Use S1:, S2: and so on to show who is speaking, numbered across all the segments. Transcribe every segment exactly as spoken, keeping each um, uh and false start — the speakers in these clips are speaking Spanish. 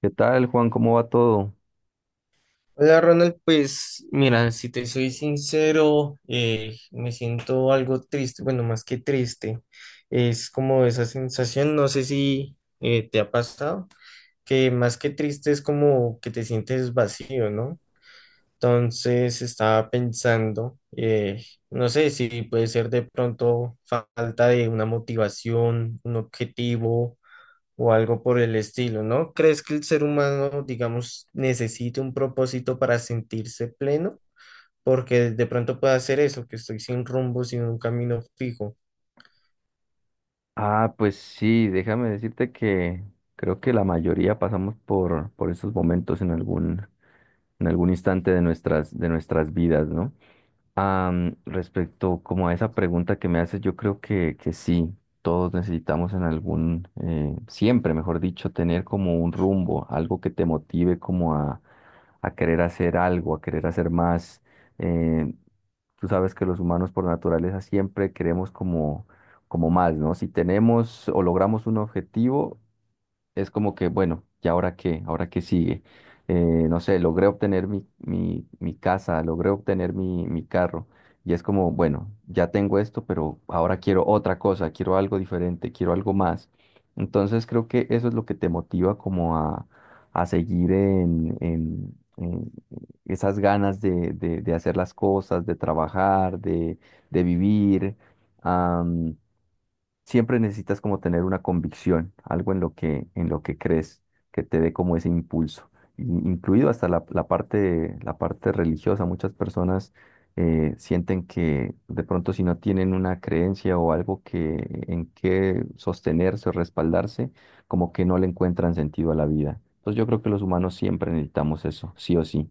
S1: ¿Qué tal, Juan? ¿Cómo va todo?
S2: Hola Ronald, pues mira, si te soy sincero, eh, me siento algo triste. Bueno, más que triste, es como esa sensación, no sé si eh, te ha pasado, que más que triste es como que te sientes vacío, ¿no? Entonces estaba pensando, eh, no sé si puede ser de pronto falta de una motivación, un objetivo o algo por el estilo, ¿no? ¿Crees que el ser humano, digamos, necesite un propósito para sentirse pleno? Porque de pronto puede hacer eso, que estoy sin rumbo, sin un camino fijo.
S1: Ah, pues sí, déjame decirte que creo que la mayoría pasamos por, por esos momentos en algún, en algún instante de nuestras, de nuestras vidas, ¿no? Am, respecto como a esa pregunta que me haces, yo creo que, que sí, todos necesitamos en algún, eh, siempre, mejor dicho, tener como un rumbo, algo que te motive como a, a querer hacer algo, a querer hacer más. eh, Tú sabes que los humanos por naturaleza siempre queremos como, como más, ¿no? Si tenemos o logramos un objetivo, es como que, bueno, ¿y ahora qué? ¿Ahora qué sigue? Eh, no sé, logré obtener mi, mi, mi casa, logré obtener mi, mi carro. Y es como, bueno, ya tengo esto, pero ahora quiero otra cosa, quiero algo diferente, quiero algo más. Entonces creo que eso es lo que te motiva como a, a seguir en, en- en esas ganas de, de- de hacer las cosas, de trabajar, de, de vivir. Siempre necesitas como tener una convicción, algo en lo que, en lo que crees, que te dé como ese impulso, in- incluido hasta la, la parte, la parte religiosa. Muchas personas eh, sienten que de pronto si no tienen una creencia o algo que, en que sostenerse o respaldarse, como que no le encuentran sentido a la vida. Entonces yo creo que los humanos siempre necesitamos eso, sí o sí.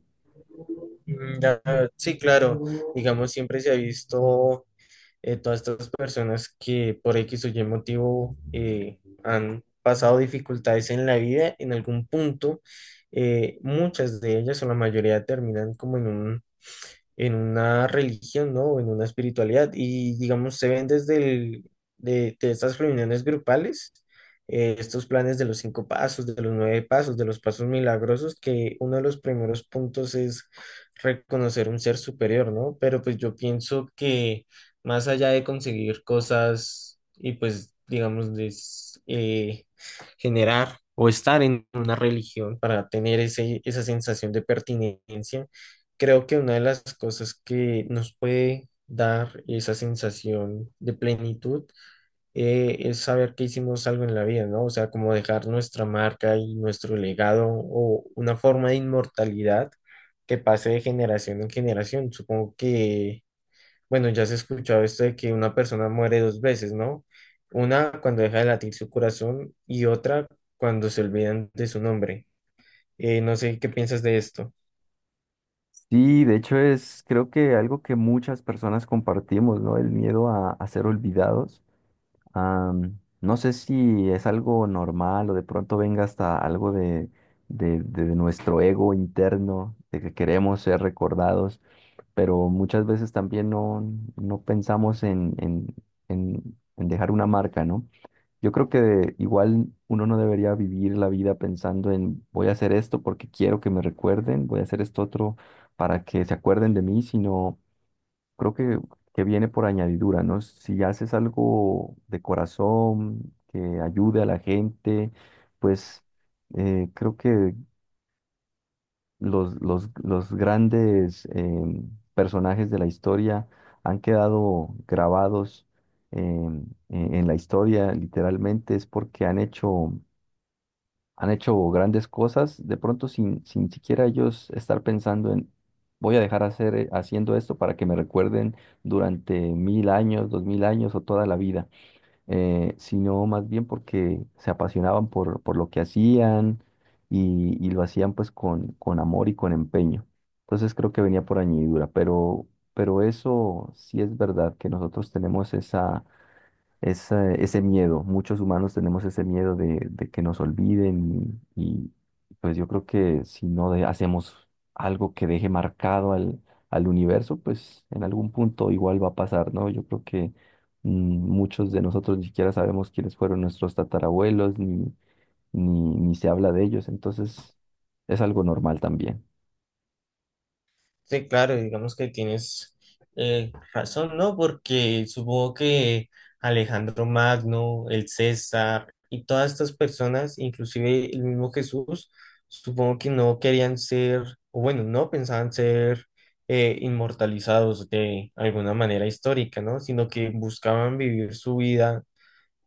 S2: Mm, ya, sí, claro, digamos, siempre se ha visto, eh, todas estas personas que por X o Y motivo eh, han pasado dificultades en la vida, en algún punto, eh, muchas de ellas o la mayoría terminan como en un en una religión, ¿no? O en una espiritualidad. Y digamos, se ven desde el, de, de estas reuniones grupales, eh, estos planes de los cinco pasos, de los nueve pasos, de los pasos milagrosos, que uno de los primeros puntos es reconocer un ser superior, ¿no? Pero pues yo pienso que más allá de conseguir cosas y pues, digamos, de, s- eh, generar o estar en una religión para tener ese, esa sensación de pertinencia. Creo que una de las cosas que nos puede dar esa sensación de plenitud eh, es saber que hicimos algo en la vida, ¿no? O sea, como dejar nuestra marca y nuestro legado o una forma de inmortalidad que pase de generación en generación. Supongo que, bueno, ya se ha escuchado esto de que una persona muere dos veces, ¿no? Una cuando deja de latir su corazón y otra cuando se olvidan de su nombre. Eh, no sé qué piensas de esto.
S1: Sí, de hecho es creo que algo que muchas personas compartimos, ¿no? El miedo a, a ser olvidados. Am, no sé si es algo normal o de pronto venga hasta algo de, de, de nuestro ego interno, de que queremos ser recordados, pero muchas veces también no, no pensamos en, en, en, en dejar una marca, ¿no? Yo creo que igual uno no debería vivir la vida pensando en voy a hacer esto porque quiero que me recuerden, voy a hacer esto otro para que se acuerden de mí, sino creo que, que viene por añadidura, ¿no? Si haces algo de corazón, que ayude a la gente, pues eh, creo que los, los, los grandes em, personajes de la historia han quedado grabados, em, en, en la historia, literalmente, es porque han hecho han hecho grandes cosas, de pronto sin, sin siquiera ellos estar pensando en, voy a dejar hacer, eh, haciendo esto para que me recuerden durante mil años, dos mil años o toda la vida, eh, sino más bien porque se apasionaban por, por lo que hacían y, y lo hacían pues con, con amor y con empeño. Entonces creo que venía por añadidura, pero, pero eso sí es verdad que nosotros tenemos esa esa- ese miedo. Muchos humanos tenemos ese miedo de, de que nos olviden y, y, pues yo creo que si no de- hacemos algo que deje marcado al, al universo, pues en algún punto igual va a pasar, ¿no? Yo creo que mm, muchos de nosotros ni siquiera sabemos quiénes fueron nuestros tatarabuelos, ni, ni, ni se habla de ellos, entonces es algo normal también.
S2: Sí, claro, digamos que tienes eh, razón, ¿no? Porque supongo que Alejandro Magno, el César y todas estas personas, inclusive el mismo Jesús, supongo que no querían ser, o bueno, no pensaban ser eh, inmortalizados de alguna manera histórica, ¿no? Sino que buscaban vivir su vida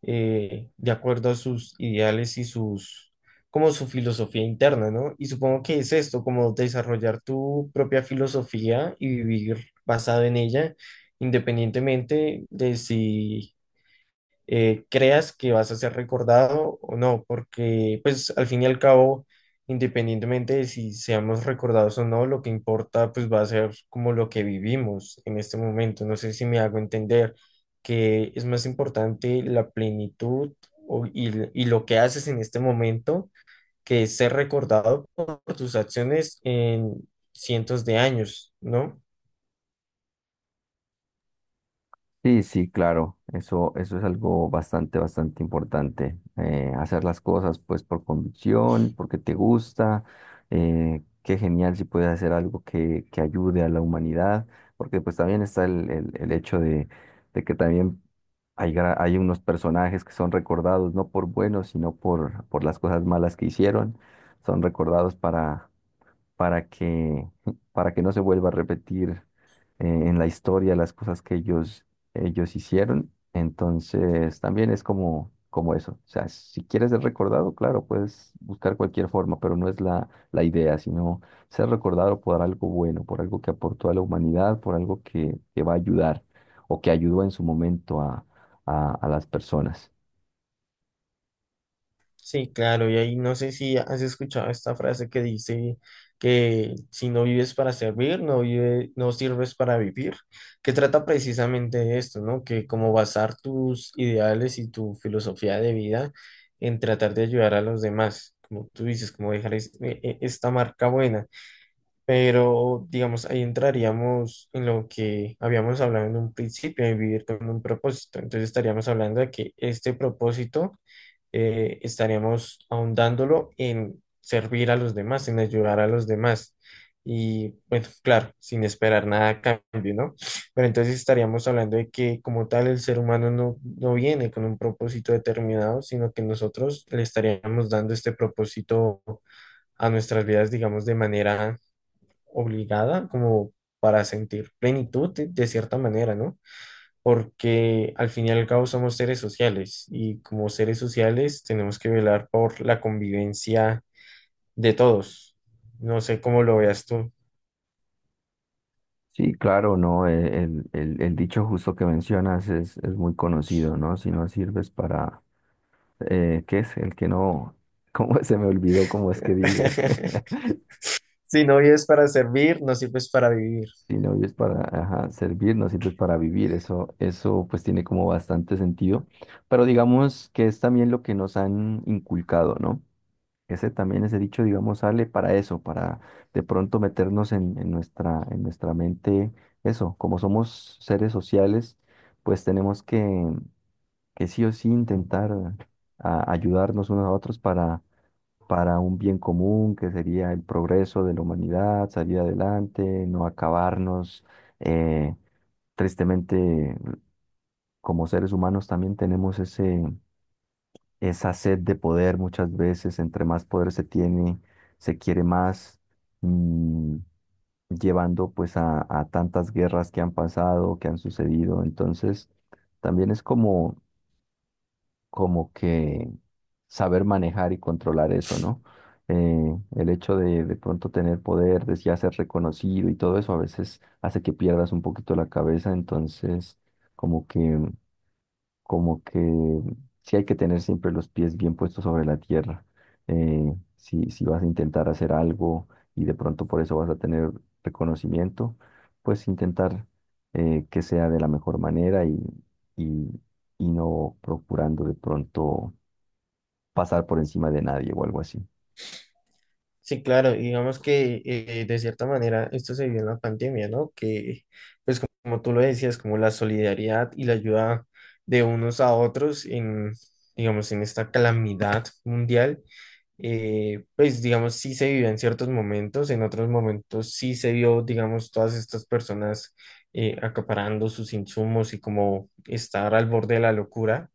S2: eh, de acuerdo a sus ideales y sus, como su filosofía interna, ¿no? Y supongo que es esto, como desarrollar tu propia filosofía y vivir basado en ella, independientemente de si eh, creas que vas a ser recordado o no, porque pues al fin y al cabo, independientemente de si seamos recordados o no, lo que importa pues va a ser como lo que vivimos en este momento. No sé si me hago entender que es más importante la plenitud o- y, y lo que haces en este momento que ser recordado por tus acciones en cientos de años, ¿no?
S1: Sí, sí, claro, eso, eso es algo bastante, bastante importante. Eh, hacer las cosas pues por convicción, porque te gusta. Eh, qué genial si puedes hacer algo que, que ayude a la humanidad, porque pues también está el, el, el hecho de, de que también hay, gra- hay unos personajes que son recordados no por buenos, sino por, por las cosas malas que hicieron. Son recordados para, para que, para que no se vuelva a repetir eh, en la historia las cosas que ellos, ellos hicieron. Entonces, también es como, como eso. O sea, si quieres ser recordado, claro, puedes buscar cualquier forma, pero no es la, la idea, sino ser recordado por algo bueno, por algo que aportó a la humanidad, por algo que, que va a ayudar o que ayudó en su momento a, a, a las personas.
S2: Sí, claro, y ahí no sé si has escuchado esta frase que dice que si no vives para servir, no vive, no sirves para vivir, que trata precisamente de esto, ¿no? Que como basar tus ideales y tu filosofía de vida en tratar de ayudar a los demás, como tú dices, como dejar es- e- e- esta marca buena, pero digamos, ahí entraríamos en lo que habíamos hablado en un principio, de vivir con un propósito, entonces estaríamos hablando de que este propósito eh, estaríamos ahondándolo en servir a los demás, en ayudar a los demás. Y bueno, claro, sin esperar nada a cambio, ¿no? Pero entonces estaríamos hablando de que como tal el ser humano no, no viene con un propósito determinado, sino que nosotros le estaríamos dando este propósito a nuestras vidas, digamos, de manera obligada, como para sentir plenitud de, de cierta manera, ¿no? Porque al fin y al cabo somos seres sociales y como seres sociales tenemos que velar por la convivencia de todos. No sé cómo lo veas tú.
S1: Sí, claro, no, eh, el, el, el dicho justo que mencionas es, es muy conocido, ¿no? Si no sirves para, eh, ¿qué es? El que no, ¿cómo se me olvidó cómo es que dice?
S2: Si no vives para servir, no sirves para vivir.
S1: Si no vives para ajá, servir, no sirves para vivir. Eso, eso pues tiene como bastante sentido. Pero digamos que es también lo que nos han inculcado, ¿no? Ese también, ese dicho, digamos, sale para eso, para de pronto meternos en, en nuestra, en nuestra mente eso. Como somos seres sociales, pues tenemos que, que sí o sí intentar a- ayudarnos unos a otros para, para un bien común, que sería el progreso de la humanidad, salir adelante, no acabarnos. Eh, Tristemente, como seres humanos también tenemos ese esa sed de poder muchas veces, entre más poder se tiene, se quiere más, mm, llevando pues a, a tantas guerras que han pasado, que han sucedido. Entonces, también es como, como que saber manejar y controlar eso, ¿no? Eh, el hecho de de pronto tener poder, de ya ser reconocido y todo eso a veces hace que pierdas un poquito la cabeza, entonces como que como que sí hay que tener siempre los pies bien puestos sobre la tierra. Eh, si, si vas a intentar hacer algo y de pronto por eso vas a tener reconocimiento, pues intentar eh, que sea de la mejor manera y, y, y no procurando de pronto pasar por encima de nadie o algo así.
S2: Sí, claro, y digamos que eh, de cierta manera esto se vio en la pandemia, ¿no? Que pues como tú lo decías, como la solidaridad y la ayuda de unos a otros en, digamos, en esta calamidad mundial, eh, pues digamos, sí se vivió en ciertos momentos, en otros momentos sí se vio, digamos, todas estas personas eh, acaparando sus insumos y como estar al borde de la locura.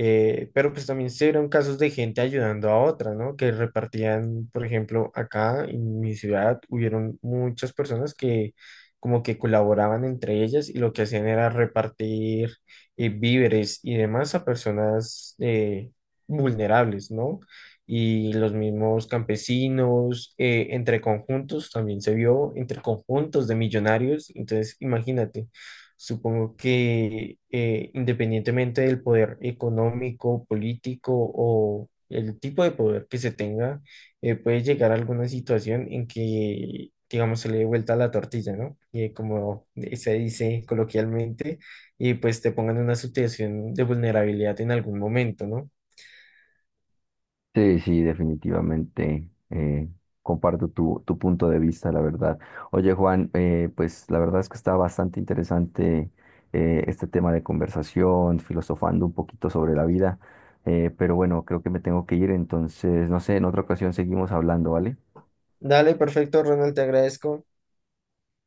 S2: Eh, pero pues también se vieron casos de gente ayudando a otra, ¿no? Que repartían. Por ejemplo, acá en mi ciudad hubieron muchas personas que como que colaboraban entre ellas y lo que hacían era repartir eh, víveres y demás a personas eh, vulnerables, ¿no? Y los mismos campesinos, eh, entre conjuntos, también se vio entre conjuntos de millonarios, entonces imagínate. Supongo que eh, independientemente del poder económico, político o el tipo de poder que se tenga, eh, puede llegar a alguna situación en que, digamos, se le dé vuelta la tortilla, ¿no? Y como se dice coloquialmente, y pues te pongan en una situación de vulnerabilidad en algún momento, ¿no?
S1: Sí, sí, definitivamente. Eh, comparto tu, tu punto de vista, la verdad. Oye, Juan, eh, pues la verdad es que está bastante interesante, eh, este tema de conversación, filosofando un poquito sobre la vida. Eh, pero bueno, creo que me tengo que ir, entonces, no sé, en otra ocasión seguimos hablando, ¿vale?
S2: Dale, perfecto, Ronald, te agradezco.